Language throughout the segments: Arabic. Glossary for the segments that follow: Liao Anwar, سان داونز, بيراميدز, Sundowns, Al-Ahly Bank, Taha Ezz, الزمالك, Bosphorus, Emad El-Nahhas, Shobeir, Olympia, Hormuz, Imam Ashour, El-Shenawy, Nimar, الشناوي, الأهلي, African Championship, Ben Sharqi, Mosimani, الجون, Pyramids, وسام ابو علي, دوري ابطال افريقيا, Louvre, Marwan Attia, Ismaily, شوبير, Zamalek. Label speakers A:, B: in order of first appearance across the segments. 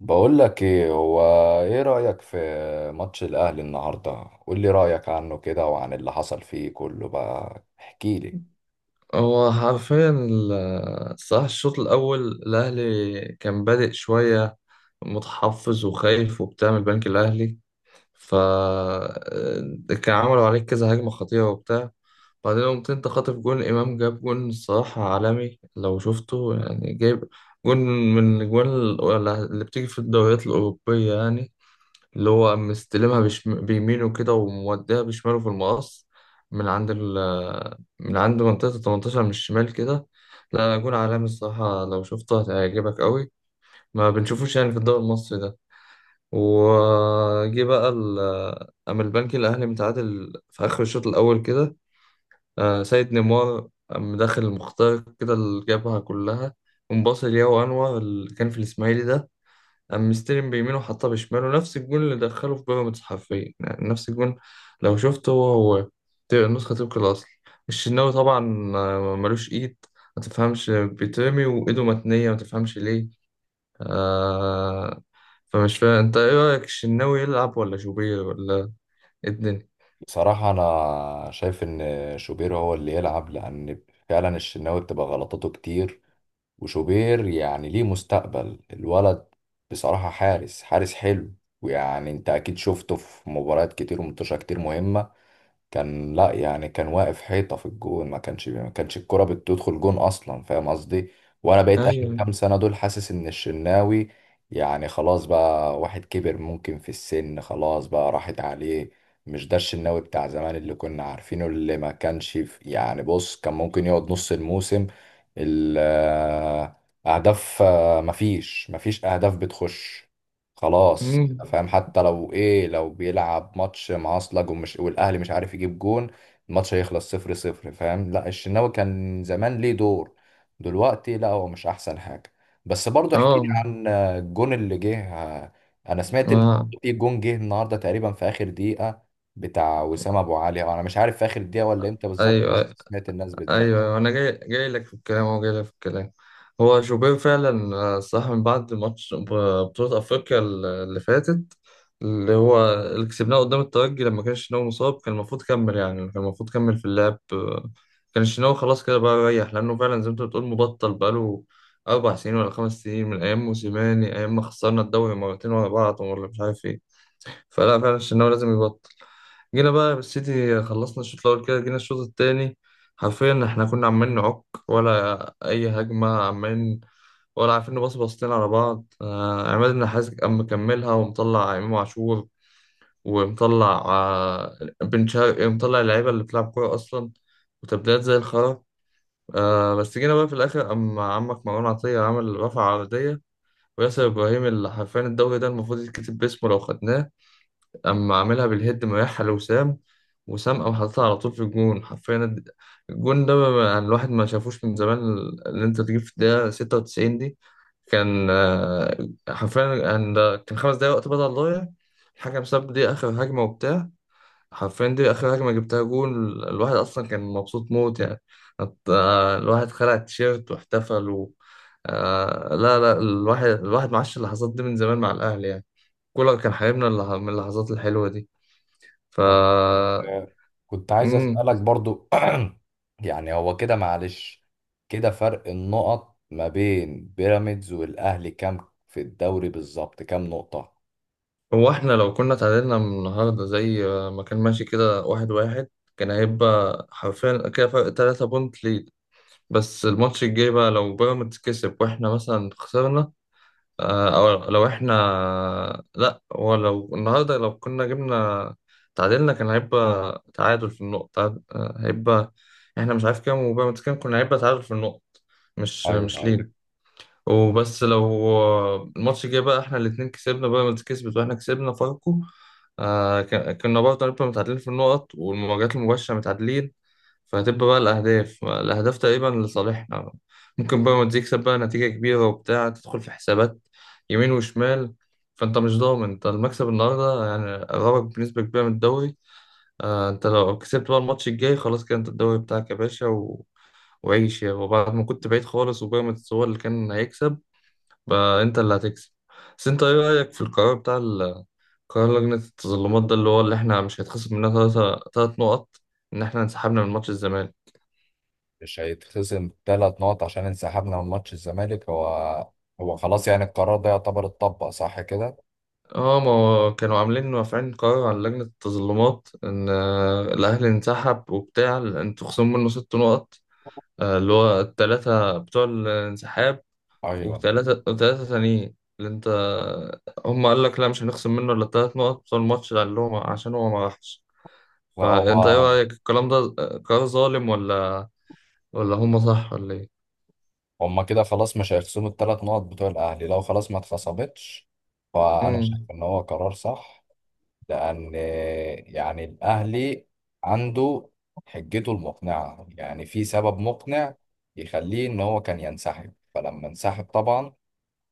A: بقول لك ايه هو. ايه رأيك في ماتش الاهلي النهارده؟ قول لي رأيك عنه كده وعن اللي حصل فيه كله، بقى احكي لي.
B: هو حرفيا الصراحة، الشوط الأول الأهلي كان بادئ شوية، متحفظ وخايف وبتاع من البنك الأهلي. ف كان عملوا عليك كذا هجمة خطيرة وبتاع. بعدين قمت أنت خاطف جون، إمام جاب جون الصراحة عالمي لو شفته، يعني جايب جون من الأجوان اللي بتيجي في الدوريات الأوروبية يعني، اللي هو مستلمها بيمينه كده وموديها بشماله في المقص، من عند ال... من عند منطقة التمنتاشر من الشمال كده. لا، جون عالمي الصراحة لو شفته هتعجبك قوي، ما بنشوفوش يعني في الدوري المصري ده. وجي بقى أما البنك الأهلي متعادل في آخر الشوط الأول كده. سيد نيمار قام داخل المخترق كده اللي جابها كلها، ومباصي لياو أنور اللي كان في الإسماعيلي ده، قام مستلم بيمينه وحطها بشماله، نفس الجون اللي دخله في بيراميدز، حرفيا يعني نفس الجون. لو شفته هو هو، نسخة طبق الأصل. الشناوي طبعا ملوش إيد، ما تفهمش بيترمي وإيده متنية، ما تفهمش ليه آه فمش فاهم أنت، إيه رأيك الشناوي يلعب ولا شوبير ولا إيه الدنيا؟
A: بصراحة انا شايف ان شوبير هو اللي يلعب، لان فعلا الشناوي بتبقى غلطاته كتير، وشوبير ليه مستقبل الولد، بصراحة حارس حلو. انت اكيد شفته في مباريات كتير ومنتشرة، كتير مهمة كان، لا كان واقف حيطة في الجون، ما كانش الكرة بتدخل جون أصلا، فاهم قصدي؟ وأنا بقيت آخر
B: أيوه.
A: كام سنة دول حاسس إن الشناوي خلاص بقى، واحد كبر ممكن في السن، خلاص بقى راحت عليه. مش ده الشناوي بتاع زمان اللي كنا عارفينه، اللي ما كانش في بص، كان ممكن يقعد نص الموسم، ال- آه، أهداف، مفيش أهداف بتخش، خلاص
B: أمم.
A: فاهم؟ حتى لو ايه، لو بيلعب ماتش معصلج ومش، والاهلي مش عارف يجيب جون، الماتش هيخلص 0-0، فاهم؟ لا الشناوي كان زمان ليه دور، دلوقتي لا هو مش احسن حاجه. بس برضه احكي لي
B: آه،
A: عن الجون اللي جه. انا سمعت ان
B: آه،
A: في جون جه النهارده تقريبا في اخر دقيقه، بتاع وسام ابو علي، انا مش عارف في اخر دقيقه ولا امتى بالظبط،
B: أيوه،
A: بس
B: ايوه،
A: سمعت الناس بتزعق.
B: أيوة، انا جاي لك في الكلام، هو جاي لك في الكلام. هو شوبير فعلا صح، من بعد ماتش بطولة افريقيا اللي فاتت، اللي هو اللي كسبناه قدام الترجي لما كان شناوي مصاب، كان المفروض كمل يعني كان المفروض كمل في اللعب. كان شناوي خلاص كده بقى ريح، لانه فعلا زي ما انت بتقول مبطل بقاله 4 سنين ولا 5 سنين، من ايام موسيماني، ايام ما خسرنا الدوري مرتين ورا بعض ولا مش عارف ايه. فلا، فعلا شناوي لازم يبطل. جينا بقى بالسيتي، خلصنا الشوط الأول كده، جينا الشوط التاني حرفيا احنا كنا عمالين نعك ولا أي هجمة، عمالين ولا عارفين نبص بصتين على بعض. عماد النحاس قام مكملها ومطلع إمام عاشور، ومطلع بن شرقي، ومطلع اللعيبة اللي بتلعب كورة أصلا، وتبديلات زي الخرا. بس جينا بقى في الآخر، قام عمك مروان عطية عمل رفع عرضية، وياسر إبراهيم اللي حرفيا الدوري ده المفروض يتكتب باسمه لو خدناه، اما عاملها بالهيد، مريحها لوسام، وسام او حاططها على طول في الجون، حرفيا الجون ده يعني الواحد ما شافوش من زمان، اللي انت تجيب في الدقيقة 96 دي. كان حرفيا كان 5 دقايق وقت بدل ضايع، الحكم ساب دي اخر هجمة وبتاع، حرفيا دي اخر هجمة جبتها جون، الواحد اصلا كان مبسوط موت يعني. الواحد خلع التيشيرت واحتفل و... لا لا، الواحد معاش اللحظات دي من زمان مع الاهلي يعني، كولر كان حبيبنا، من اللحظات الحلوة دي. ف.
A: طب آه، كنت عايز
B: مم.
A: أسألك برضو. يعني هو كده، معلش، كده فرق النقط ما بين بيراميدز والأهلي كام في الدوري بالظبط؟ كام نقطة؟
B: هو احنا لو كنا تعادلنا من النهارده، زي ما كان ماشي كده 1-1، كان هيبقى حرفيا كده فرق 3 بونت ليد. بس الماتش الجاي بقى لو بيراميدز كسب واحنا مثلا خسرنا، او لو احنا... لا، هو لو النهارده لو كنا جبنا تعادلنا، كان هيبقى تعادل في النقطة، هيبقى احنا مش عارف كام وبيراميدز كام، كنا هيبقى تعادل في النقط، مش
A: أيوه،
B: مش
A: أيوه.
B: ليد. وبس لو الماتش الجاي بقى احنا الاتنين كسبنا، بيراميدز كسبت واحنا كسبنا فاركو، كنا برضه هنبقى متعادلين في النقط والمواجهات المباشرة متعادلين، فهتبقى بقى الأهداف تقريبا لصالحنا. ممكن بيراميدز يكسب بقى نتيجة كبيرة وبتاع تدخل في حسابات يمين وشمال، فأنت مش ضامن. أنت المكسب النهاردة يعني قربك بنسبة كبيرة من الدوري. أنت لو كسبت بقى الماتش الجاي خلاص كده، أنت الدوري بتاعك يا باشا و... وعيش يا، وبعد ما كنت بعيد خالص وبيراميدز هو اللي كان هيكسب، بقى انت اللي هتكسب. بس انت ايه رأيك في القرار بتاع قرار لجنة التظلمات ده، اللي هو اللي احنا مش هيتخصم مننا ثلاثة تلات نقط ان احنا انسحبنا من ماتش الزمالك؟
A: مش هيتخصم 3 نقط عشان انسحبنا من ماتش الزمالك؟ هو هو خلاص يعني القرار ده يعتبر اتطبق صح كده؟
B: اه، ما هو كانوا عاملين رافعين قرار على لجنة التظلمات ان الاهلي انسحب وبتاع، انتوا خصموا منه 6 نقط، اللي هو التلاتة بتوع الانسحاب،
A: أيوه.
B: وتلاتة تانيين اللي انت، هم قال لك لا مش هنخصم منه الا التلات نقط بتوع الماتش اللي هم عشان هو ما راحش.
A: لا
B: فانت ايه
A: هو
B: رايك الكلام ده، قرار ظالم ولا هم صح ولا ايه؟
A: هما كده خلاص مش هيخصموا ال3 نقط بتوع الأهلي، لو خلاص ما اتخصمتش فأنا شايف
B: امم.
A: إن هو قرار صح. لأن الأهلي عنده حجته المقنعة، يعني في سبب مقنع يخليه إن هو كان ينسحب. فلما انسحب طبعا،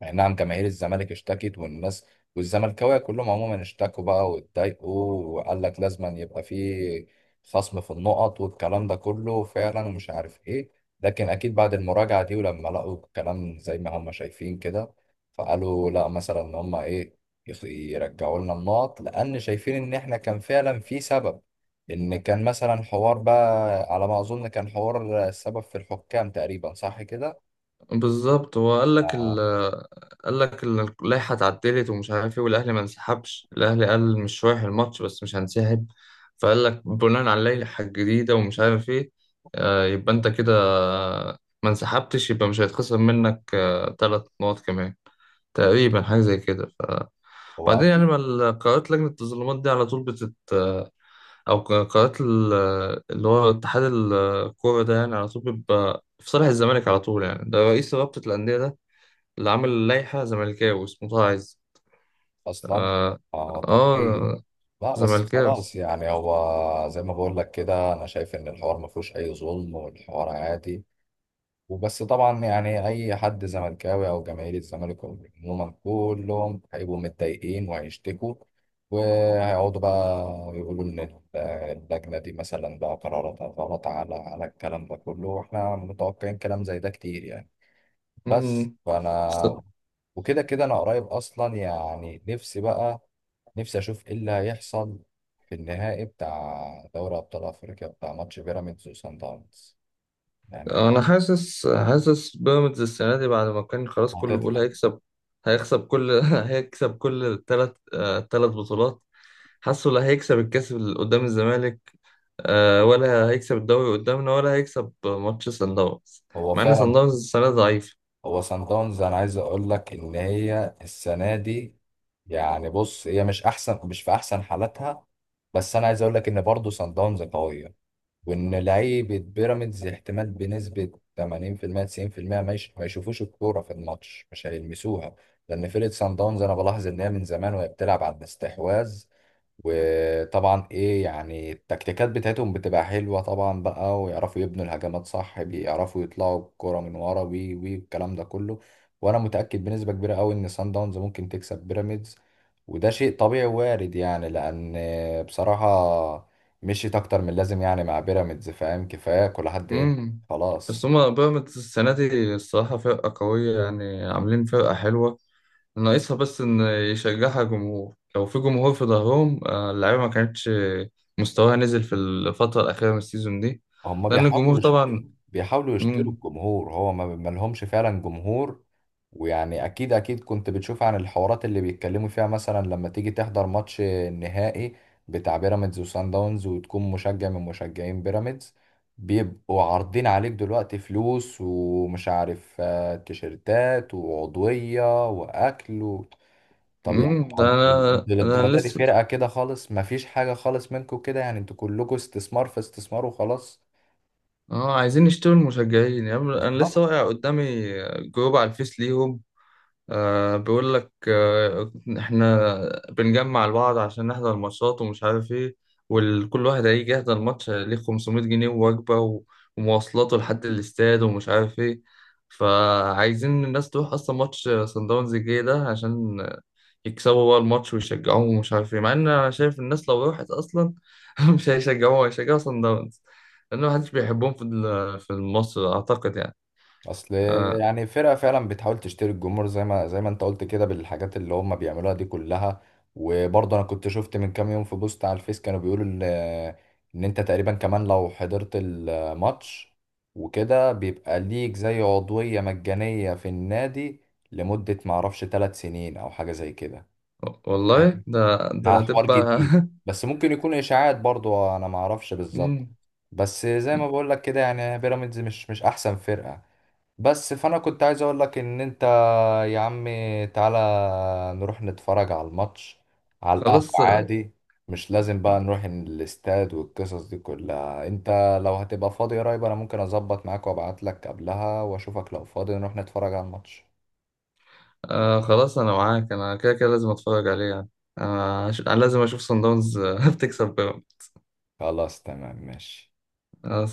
A: يعني نعم جماهير الزمالك اشتكت، والناس والزملكاويه كلهم عموما اشتكوا بقى واتضايقوا، وقال لك لازم أن يبقى في خصم في النقط والكلام ده كله فعلا ومش عارف ايه. لكن اكيد بعد المراجعه دي، ولما لقوا الكلام زي ما هم شايفين كده، فقالوا لا، مثلا ان هم ايه، يرجعوا لنا النقط، لان شايفين ان احنا كان فعلا في سبب، ان كان مثلا حوار بقى، على ما اظن كان حوار السبب في الحكام تقريبا، صح كده؟
B: بالظبط، هو
A: آه،
B: اللائحه اتعدلت ومش عارف ايه، والاهلي ما انسحبش، الاهلي قال مش رايح الماتش بس مش هنسحب. فقال لك بناء على اللائحه الجديده ومش عارف ايه، يبقى انت كده ما انسحبتش يبقى مش هيتخصم منك 3 نقط كمان، تقريبا حاجه زي كده. ف...
A: هو
B: وبعدين يعني
A: أكيد.
B: ما قرارات لجنه التظلمات دي على طول بتت، قناه اللي هو اتحاد الكوره ده، يعني على طول بيبقى في صالح الزمالك على طول، يعني ده رئيس رابطه الانديه ده اللي عامل لائحه زملكاوي اسمه طه عز.
A: اصلا
B: اه،
A: اه طبيعي.
B: آه،
A: لا بس
B: زملكاوي.
A: خلاص، يعني هو زي ما بقول لك كده، انا شايف ان الحوار ما فيهوش اي ظلم، والحوار عادي. وبس طبعا يعني اي حد زملكاوي او جماهير الزمالك عموما، كلهم هيبقوا متضايقين وهيشتكوا، وهيقعدوا بقى يقولوا ان اللجنه دي مثلا بقى قراراتها غلط، على الكلام ده كله، واحنا متوقعين كلام زي ده كتير يعني. بس
B: مم. بس
A: فانا، وكده كده انا قريب اصلا، يعني نفسي بقى، نفسي اشوف ايه اللي هيحصل في النهائي بتاع دوري ابطال افريقيا، بتاع ماتش بيراميدز وسان داونز، يعني
B: انا حاسس بيراميدز السنه دي، بعد ما كان خلاص كله بيقول
A: هتطلع.
B: هيكسب، هيكسب كل هيكسب كل الثلاث بطولات. حاسه لا، هيكسب الكاس اللي قدام الزمالك، ولا هيكسب الدوري قدامنا، ولا هيكسب ماتش سان داونز،
A: هو
B: مع ان سان
A: فعلا
B: داونز السنه ضعيفه.
A: هو سان داونز، انا عايز اقول لك ان هي السنه دي، يعني بص هي مش احسن، مش في احسن حالاتها، بس انا عايز اقول لك ان برضه سان داونز قويه، وان لعيبه بيراميدز احتمال بنسبه 80% 90% ما يشوفوش الكوره في الماتش، مش هيلمسوها. لان فرقه سان داونز انا بلاحظ ان هي من زمان وهي بتلعب على الاستحواذ، وطبعا ايه يعني التكتيكات بتاعتهم بتبقى حلوة طبعا بقى، ويعرفوا يبنوا الهجمات صح، بيعرفوا يطلعوا الكرة من ورا، وي الكلام ده كله. وانا متأكد بنسبة كبيرة قوي ان سان داونز ممكن تكسب بيراميدز، وده شيء طبيعي وارد يعني، لان بصراحة مشيت اكتر من لازم يعني مع بيراميدز، فاهم؟ كفاية كل حد هنا
B: امم. بس
A: خلاص.
B: هما بيراميدز السنه دي الصراحه فرقه قويه، يعني عاملين فرقه حلوه، ناقصها بس ان يشجعها جمهور، لو في جمهور في ظهرهم، اللعيبه ما كانتش مستواها نزل في الفتره الاخيره من السيزون دي،
A: هم
B: لان الجمهور طبعا.
A: بيحاولوا يشتروا
B: مم.
A: الجمهور، هو ما لهمش فعلا جمهور. اكيد اكيد كنت بتشوف عن الحوارات اللي بيتكلموا فيها، مثلا لما تيجي تحضر ماتش نهائي بتاع بيراميدز وسان داونز، وتكون مشجع من مشجعين بيراميدز، بيبقوا عارضين عليك دلوقتي فلوس ومش عارف تيشيرتات وعضوية واكل طب يعني
B: مم.
A: هو
B: ده
A: انت، انت
B: انا
A: للدرجة دي
B: لسه
A: فرقة كده خالص، مفيش حاجة خالص منكم كده، يعني انتوا كلكم استثمار في استثمار وخلاص،
B: اه عايزين يشتروا المشجعين يعني، انا لسه
A: بالظبط.
B: واقع قدامي جروب على الفيس ليهم، أه بيقول لك أه، احنا بنجمع لبعض عشان نحضر الماتشات ومش عارف ايه، وكل واحد هيجي يحضر الماتش ليه 500 جنيه ووجبة ومواصلاته لحد الاستاد ومش عارف ايه، فعايزين الناس تروح اصلا ماتش صن داونز الجاي ده عشان يكسبوا بقى الماتش ويشجعوهم ومش عارف ايه، مع ان انا شايف الناس لو راحت اصلا مش هيشجعوها هيشجعوا صن داونز، لان محدش بيحبهم في في مصر اعتقد يعني.
A: اصل
B: أه
A: يعني فرقه فعلا بتحاول تشتري الجمهور زي ما، انت قلت كده، بالحاجات اللي هم بيعملوها دي كلها. وبرضه انا كنت شفت من كام يوم في بوست على الفيس، كانوا بيقولوا ان انت تقريبا كمان لو حضرت الماتش وكده، بيبقى ليك زي عضويه مجانيه في النادي لمده ما اعرفش، 3 سنين او حاجه زي كده.
B: والله،
A: فاهم؟
B: ده
A: ده
B: ده
A: حوار
B: هتبقى
A: جديد، بس ممكن يكون اشاعات برضه، انا ما اعرفش بالظبط.
B: مم.
A: بس زي ما بقول لك كده، يعني بيراميدز مش احسن فرقه. بس فانا كنت عايز اقول لك ان انت يا عم، تعالى نروح نتفرج على الماتش على القهوة
B: خلاص.
A: عادي، مش لازم بقى نروح الاستاد والقصص دي كلها. انت لو هتبقى فاضي قريب، انا ممكن اظبط معاك وابعت لك قبلها واشوفك، لو فاضي نروح نتفرج على الماتش.
B: آه خلاص انا معاك، انا كده كده لازم اتفرج عليه يعني، انا أنا لازم اشوف صن داونز بتكسب بيراميدز.
A: خلاص تمام ماشي.
B: آه،